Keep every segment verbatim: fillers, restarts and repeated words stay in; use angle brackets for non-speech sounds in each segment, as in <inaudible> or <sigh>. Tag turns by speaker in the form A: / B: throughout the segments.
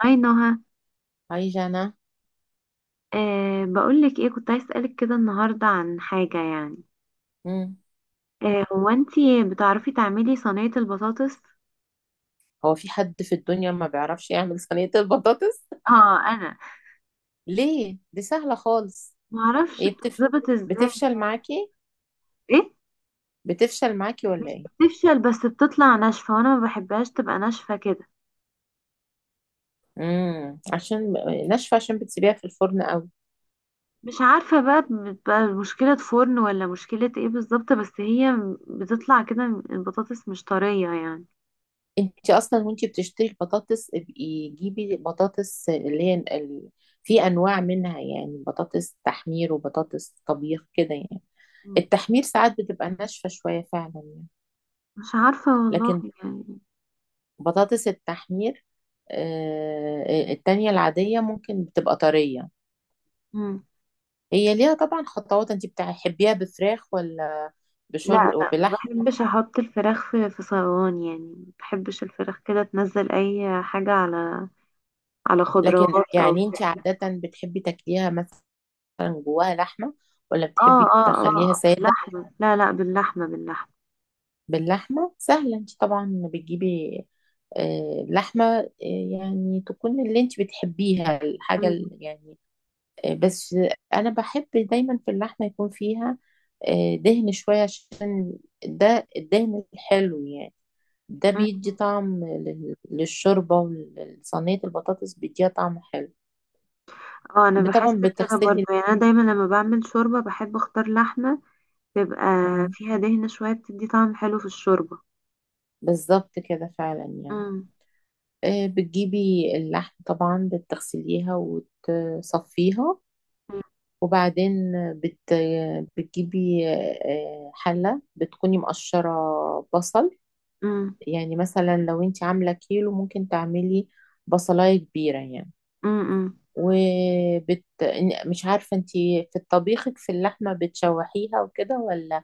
A: هاي نهى.
B: عايشة أنا.
A: أه بقولك ايه، كنت عايز اسألك كده النهاردة عن حاجة يعني.
B: مم.
A: أه هو انتي بتعرفي تعملي صينية البطاطس؟
B: هو في حد في الدنيا ما بيعرفش يعمل صينية البطاطس؟
A: اه، انا
B: ليه؟ دي سهلة خالص.
A: معرفش
B: ايه بتف...
A: بتتظبط ازاي.
B: بتفشل معاكي.
A: ايه،
B: بتفشل معاكي ولا
A: مش
B: ايه؟
A: بتفشل بس بتطلع ناشفة وانا ما بحبهاش تبقى ناشفة كده.
B: امم عشان ناشفة، عشان بتسيبيها في الفرن قوي.
A: مش عارفة بقى، بتبقى مشكلة فرن ولا مشكلة ايه بالظبط، بس هي بتطلع كده، البطاطس مش طرية يعني.
B: انت اصلا وانت بتشتري البطاطس ابقي جيبي بطاطس اللي هي ال... في انواع منها، يعني بطاطس تحمير وبطاطس طبيخ كده يعني.
A: مم.
B: التحمير ساعات بتبقى ناشفة شوية فعلا يعني.
A: مش عارفة والله
B: لكن
A: يعني.
B: بطاطس التحمير، آه، التانية العادية ممكن بتبقى طرية.
A: مم.
B: هي ليها طبعا خطوات. انت بتحبيها بفراخ ولا
A: لا
B: بشر
A: لا، ما
B: وبلحمة؟
A: بحبش احط الفراخ في في صواني يعني، ما بحبش الفراخ كده تنزل اي حاجة على على
B: لكن
A: خضروات او.
B: يعني انت عادة بتحبي تاكليها مثلا جواها لحمة، ولا
A: اه
B: بتحبي
A: اه اه
B: تخليها سادة؟
A: باللحمة، لا لا باللحمة باللحمة.
B: باللحمة سهلة. انت طبعا بتجيبي آه، لحمة، آه، يعني تكون اللي انت بتحبيها الحاجة
A: م-
B: ال- يعني. آه، بس انا بحب دايما في اللحمه يكون فيها آه، دهن شويه، عشان ده الدهن الحلو يعني. ده
A: م.
B: بيدي طعم لل- للشوربه، ولصينيه البطاطس بيديها طعم حلو.
A: اه، انا بحس
B: طبعا
A: كده برضو
B: بتغسلي.
A: يعني. انا دايما لما بعمل شوربة بحب اختار لحمة تبقى
B: مم،
A: فيها دهنة شوية بتدي طعم حلو في الشوربة.
B: بالظبط كده فعلا يعني.
A: امم
B: آه، بتجيبي اللحم طبعا، بتغسليها وتصفيها،
A: امم
B: وبعدين بت... بتجيبي آه، حلة، بتكوني مقشرة بصل.
A: امم
B: يعني مثلا لو انت عاملة كيلو ممكن تعملي بصلاية كبيرة يعني.
A: إمم، إمم.
B: وبت... مش عارفة انت في طبيخك في اللحمة بتشوحيها وكده، ولا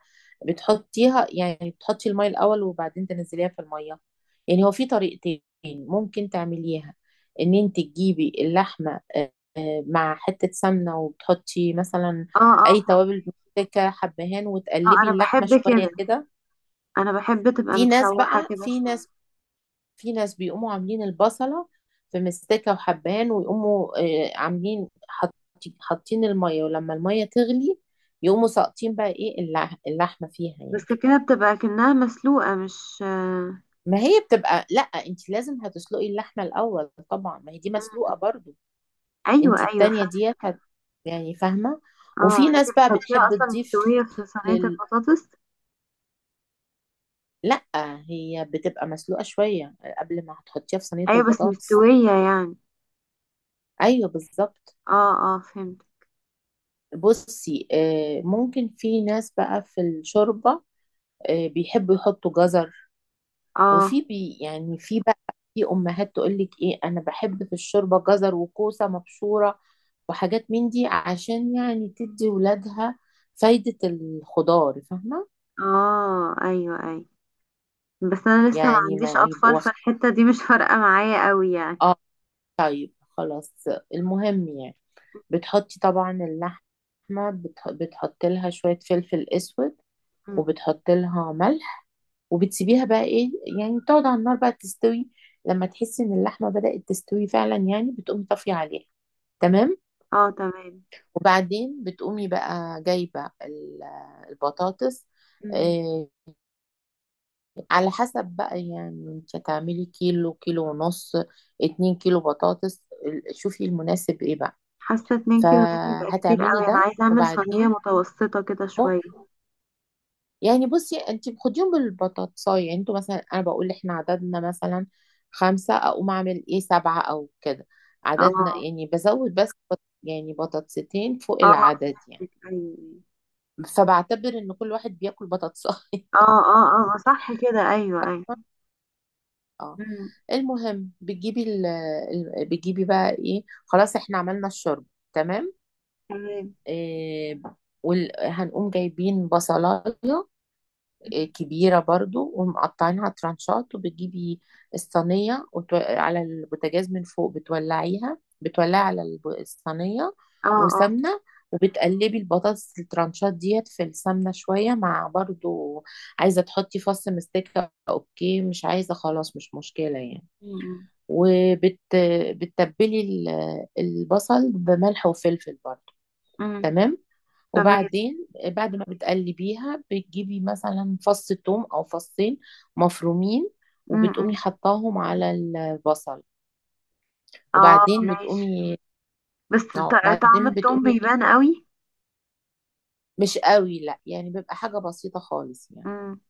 B: بتحطيها، يعني بتحطي المية الأول وبعدين تنزليها في المية. يعني هو في طريقتين ممكن تعمليها. ان انت تجيبي اللحمة، آه، آه، مع حتة سمنة، وبتحطي مثلا
A: اه
B: أي
A: اه
B: توابل، ممسكة حبهان،
A: اه
B: وتقلبي
A: انا
B: اللحمة
A: بحب كده،
B: شوية كده.
A: انا بحب تبقى
B: في ناس
A: متشوحة
B: بقى
A: كده
B: في
A: شوية.
B: ناس في ناس بيقوموا عاملين البصلة في مستكة وحبهان، ويقوموا آه، عاملين حاطين حاطين المية، ولما المية تغلي يقوموا ساقطين بقى ايه اللح- اللحمة فيها يعني.
A: بس كده بتبقى كأنها مسلوقة، مش آه،
B: ما هي بتبقى، لا انت لازم هتسلقي اللحمة الأول طبعا، ما هي دي
A: م- م.
B: مسلوقة برضو. انت
A: أيوة أيوة فا
B: التانية دي هت يعني فاهمة.
A: اه.
B: وفي
A: يعني انت
B: ناس بقى
A: بتحطيها
B: بتحب
A: أصلا
B: تضيف
A: مستوية في صينية
B: لل
A: البطاطس.
B: لا، هي بتبقى مسلوقة شوية قبل ما هتحطيها في صينية
A: أيوة بس
B: البطاطس.
A: مستوية يعني.
B: ايوه بالظبط.
A: اه اه فهمت.
B: بصي آه، ممكن في ناس بقى في الشوربة آه، بيحبوا يحطوا جزر.
A: اه
B: وفي بي يعني في بقى، في أمهات تقول لك إيه، أنا بحب في الشوربة جزر وكوسة مبشورة وحاجات من دي، عشان يعني تدي ولادها فايدة الخضار، فاهمة.
A: اه أيوة أيوة. بس أنا لسه ما
B: يعني
A: عنديش
B: ما يبقوا
A: أطفال،
B: واخ-
A: فالحتة دي مش فارقة معايا قوي يعني.
B: آه طيب خلاص، المهم يعني بتحطي طبعا اللحمة، بتح- بتحطي لها شوية فلفل أسود،
A: مم.
B: وبتحط لها ملح، وبتسيبيها بقى ايه، يعني تقعد على النار بقى تستوي. لما تحسي ان اللحمه بدأت تستوي فعلا يعني، بتقومي طافيه عليها. تمام.
A: اه تمام.
B: وبعدين بتقومي بقى جايبه ال- البطاطس.
A: مم.
B: آه، على حسب بقى، يعني انت هتعملي كيلو، كيلو ونص، اتنين كيلو بطاطس، ال- شوفي المناسب ايه بقى.
A: حاسة اتنين كيلو دول بيبقى كتير
B: فهتعملي
A: قوي، أنا
B: ده
A: عايزة أعمل صينية
B: وبعدين،
A: متوسطة كده شوية.
B: يعني بصي، انت بتاخديهم بالبطاطساية، يعني انتوا مثلا، انا بقول احنا عددنا مثلا خمسة اقوم اعمل ايه سبعة او كده، عددنا
A: اه
B: يعني بزود بس بط- يعني بطاطستين فوق
A: اه
B: العدد يعني.
A: فهمتك. أيوة أيوة.
B: فبعتبر ان كل واحد بياكل بطاطساية.
A: اه اه اه صح كده، أيوة أيوة.
B: <laughs> اه.
A: مم.
B: المهم بتجيبي ال... ال- بتجيبي بقى ايه، خلاص احنا عملنا الشرب. تمام.
A: تمام.
B: إيه... وال... هنقوم جايبين بصلاية
A: مم.
B: كبيرة برضو ومقطعينها ترانشات، وبتجيبي الصينية وتو... على البوتاجاز من فوق بتولعيها بتولعي على الب- الصينية
A: اه اه.
B: وسمنة. وبتقلبي البطاطس الترانشات ديت في السمنة شوية مع برضو، عايزة تحطي فص مستكة، اوكي، مش عايزة خلاص مش مشكلة يعني.
A: مم،
B: وبتتبلي البصل بملح وفلفل برضو.
A: مم.
B: تمام.
A: تمام.
B: وبعدين بعد ما بتقلبيها بتجيبي مثلا فص توم او فصين مفرومين،
A: مم،
B: وبتقومي
A: مم.
B: حطاهم على البصل،
A: اه
B: وبعدين
A: ماشي.
B: بتقومي
A: بس
B: اه
A: ط- طعم
B: بعدين
A: التوم
B: بتقومي.
A: بيبان قوي.
B: مش قوي لا، يعني بيبقى حاجة بسيطة خالص يعني.
A: مم،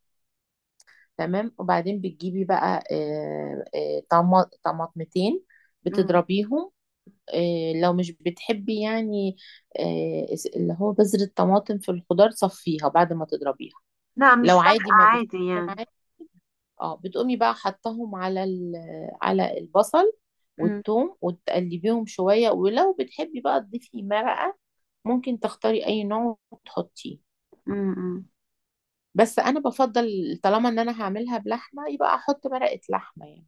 B: تمام. وبعدين بتجيبي بقى آه، آه، طما- طماطمتين،
A: مم.
B: بتضربيهم. آه، لو مش بتحبي يعني آه، اللي هو بذرة طماطم في الخضار صفيها بعد ما تضربيها.
A: لا مش
B: لو
A: فارقة
B: عادي ما
A: عادي يعني.
B: بتفرقش. اه بتقومي بقى حطهم على ال- على البصل
A: مم،
B: والثوم، وتقلبيهم شوية، ولو بتحبي بقى تضيفي مرقة ممكن تختاري أي نوع وتحطيه.
A: مم، مم.
B: بس أنا بفضل طالما إن أنا هعملها بلحمة يبقى أحط مرقة لحمة يعني.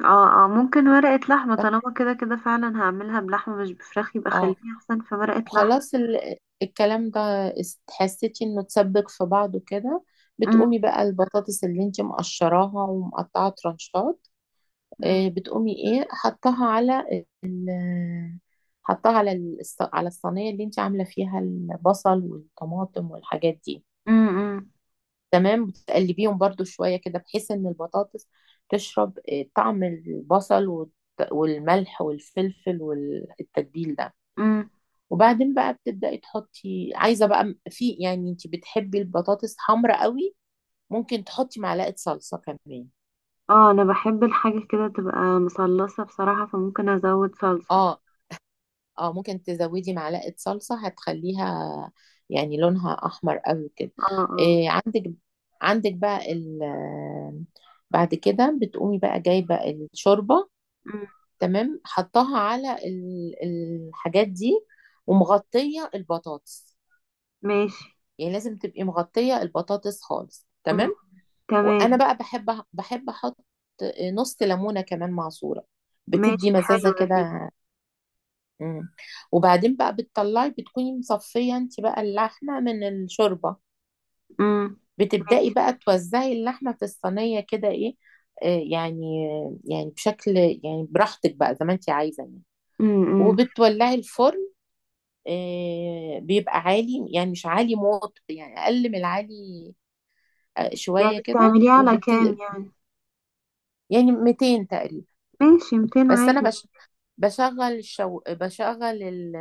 A: اه اه ممكن ورقة لحمة، طالما كده كده فعلا هعملها بلحمة مش بفراخ، يبقى
B: اه.
A: خليها احسن في ورقة لحمة.
B: وخلاص ال- الكلام ده است- حسيتي انه تسبك في بعضه كده،
A: مم،
B: بتقومي بقى البطاطس اللي انت مقشراها ومقطعه ترانشات،
A: مم،
B: آه، بتقومي ايه حطها على ال- حطها على الص- على الصينية اللي انت عاملة فيها البصل والطماطم والحاجات دي.
A: مم، مم،
B: تمام. وتقلبيهم برضو شوية كده بحيث ان البطاطس تشرب آه، طعم البصل والت- والملح والفلفل والتتبيل ده.
A: مم.
B: وبعدين بقى بتبدأي تحطي، عايزة بقى م- في، يعني انت بتحبي البطاطس حمرا قوي ممكن تحطي معلقة صلصة كمان.
A: اه انا بحب الحاجة كده تبقى مصلصة بصراحة، فممكن ازود صلصة.
B: اه اه ممكن تزودي معلقة صلصة، هتخليها يعني لونها أحمر قوي كده.
A: اه اه.
B: إيه، عندك عندك بقى ال بعد كده بتقومي بقى جايبة الشوربة.
A: مم،
B: تمام. حطها على ال- الحاجات دي ومغطية البطاطس.
A: ماشي.
B: يعني لازم تبقي مغطية البطاطس خالص.
A: مم،
B: تمام.
A: تمام.
B: وأنا بقى بحب بحب أحط نص ليمونة كمان معصورة، بتدي
A: ماشي،
B: مزازة
A: حلوة دي.
B: كده. مم. وبعدين بقى بتطلعي، بتكوني مصفية انت بقى اللحمة من الشوربة،
A: امم ماشي.
B: بتبدأي بقى توزعي اللحمة في الصينية كده ايه، آه يعني، يعني بشكل يعني براحتك بقى زي ما انت عايزة يعني.
A: امم
B: وبتولعي الفرن. آه بيبقى عالي يعني، مش عالي موت، يعني أقل من العالي آه،
A: يعني
B: شوية كده
A: بتعمليها على
B: وبت
A: كام يعني؟
B: يعني ميتين تقريبا.
A: ماشي، مائتين
B: بس أنا
A: عادي.
B: بش... بشغل الشو... بشغل ال...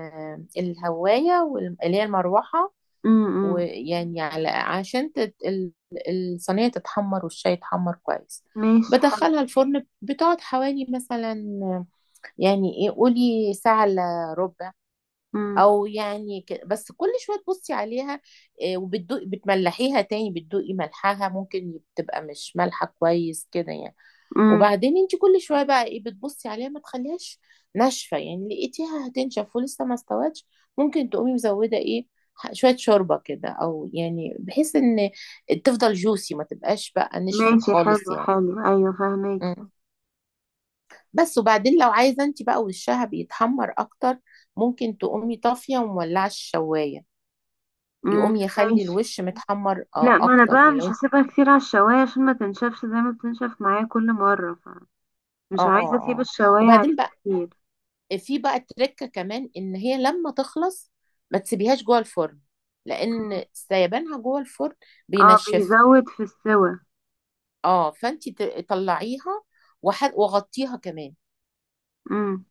B: الهواية وال- اللي هي المروحة.
A: امم
B: ويعني على عشان تت... ال- الصينية تتحمر والشاي يتحمر كويس.
A: ماشي حلو.
B: بدخلها الفرن، بتقعد حوالي مثلا يعني ايه، قولي ساعة الا ربع.
A: امم
B: او يعني ك... بس كل شويه تبصي عليها، آه، وبتدوقي، بتملحيها تاني، بتدوقي ملحها، ممكن تبقى مش مالحه كويس كده يعني.
A: امم
B: وبعدين انت كل شويه بقى ايه بتبصي عليها ما تخليهاش ناشفه يعني. لقيتيها هتنشف ولسه ما استوتش ممكن تقومي مزوده ايه ح- شويه شوربه كده، او يعني بحيث ان تفضل جوسي ما تبقاش بقى نشفت
A: ماشي، حلو
B: خالص يعني.
A: حلو، ايوه فهماكي.
B: مم. بس. وبعدين لو عايزه انت بقى وشها بيتحمر اكتر ممكن تقومي طافيه ومولعه الشوايه،
A: امم
B: يقوم يخلي
A: ماشي.
B: الوش متحمر
A: لا،
B: آه
A: ما انا
B: اكتر،
A: بقى
B: يعني لو
A: مش
B: انت.
A: هسيبها كتير على الشواية عشان ما تنشفش زي ما بتنشف معايا كل مرة، فمش
B: اه
A: عايزة اسيب
B: اه.
A: الشواية عليه
B: وبعدين بقى
A: كتير.
B: في بقى تركة كمان، ان هي لما تخلص ما تسيبيهاش جوه الفرن،
A: مم.
B: لان سيبانها جوه الفرن
A: اه
B: بينشفها.
A: بيزود في السوى.
B: اه فانت ت- طلعيها وح- وغطيها كمان.
A: امم.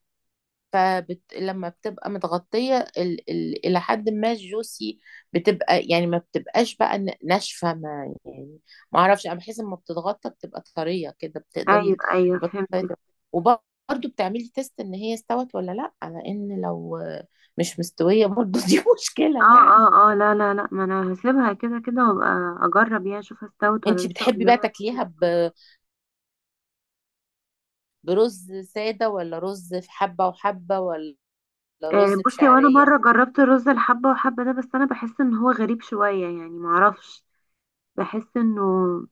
B: فبت... لما بتبقى متغطية ال... ال... إلى حد ما الجوسي، بتبقى يعني ما بتبقاش بقى ن- ناشفة ما يعني، ما أعرفش، أنا بحس لما بتتغطى بتبقى طرية كده
A: ايوه
B: بتقدري
A: ايوه
B: البطاطا
A: فهمتك.
B: تبقى- وبرضه بتعملي تيست إن هي استوت ولا لأ، لأن لو مش مستوية برضه <laughs> دي مشكلة
A: اه
B: يعني.
A: اه اه لا لا لا، ما انا هسيبها كده كده وابقى اجرب يعني اشوف استوت ولا
B: أنتي
A: لسه
B: بتحبي بقى
A: قدامها
B: تاكليها
A: كتير.
B: ب... برز سادة، ولا رز في حبة وحبة، ولا
A: آه،
B: رز
A: بصي، وانا
B: بشعرية؟
A: مره جربت رز الحبه وحبه ده بس انا بحس ان هو غريب شويه يعني، معرفش، بحس انه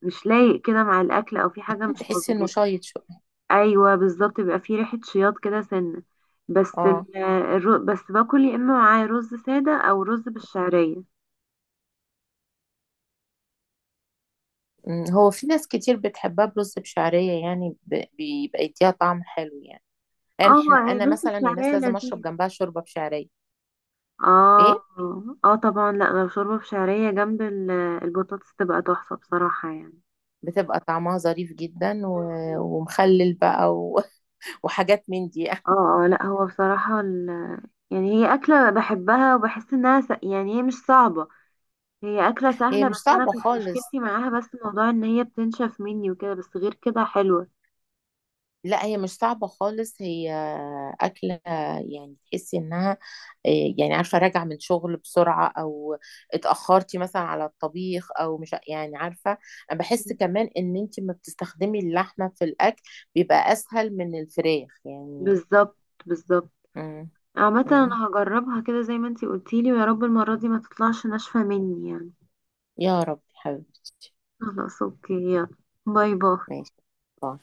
A: مش لايق كده مع الاكل او في حاجه
B: أنت
A: مش
B: تحسي إنه
A: مظبوطه.
B: شايط شوية؟
A: ايوه بالظبط، بيبقى في ريحه شياط كده سنه. بس
B: اه.
A: ال- الر- بس باكل يا اما معاه رز ساده او رز بالشعريه.
B: مم، هو في ناس كتير بتحبها برز بشعرية يعني، ب- بيبقى يديها طعم حلو يعني. يعني
A: اه،
B: احنا، انا
A: الرز
B: مثلا من الناس
A: بالشعريه
B: لازم اشرب
A: لذيذ.
B: جنبها شوربة بشعرية. ايه.
A: اه اه طبعا، لا لو شوربة بشعرية جنب ال- البطاطس تبقى تحفة بصراحة يعني.
B: بتبقى طعمها ظريف جدا، و...
A: مم.
B: ومخلل بقى و... <laughs> وحاجات من دي.
A: اه اه لا هو بصراحة ال... يعني هي أكلة بحبها وبحس إنها س... يعني هي مش صعبة، هي أكلة
B: هي
A: سهلة،
B: مش
A: بس أنا
B: صعبة
A: كنت
B: خالص.
A: مشكلتي معاها بس موضوع إن هي بتنشف مني وكده، بس غير كده حلوة.
B: لا هي مش صعبة خالص. هي أكلة يعني تحسي إنها إيه، يعني عارفة راجعة من شغل بسرعة، أو اتأخرتي مثلا على الطبيخ، أو مش يعني عارفة. أنا بحس
A: مم.
B: كمان إن أنت ما بتستخدمي اللحمة في الأكل بيبقى أسهل من الفراخ يعني.
A: بالظبط بالظبط.
B: مم.
A: عامة
B: مم.
A: أنا هجربها كده زي ما انتي قلتيلي، ويا رب المرة دي ما تطلعش ناشفة مني يعني.
B: يا رب حبيبتي.
A: خلاص اوكي يلا. باي باي.
B: ماشي. باي.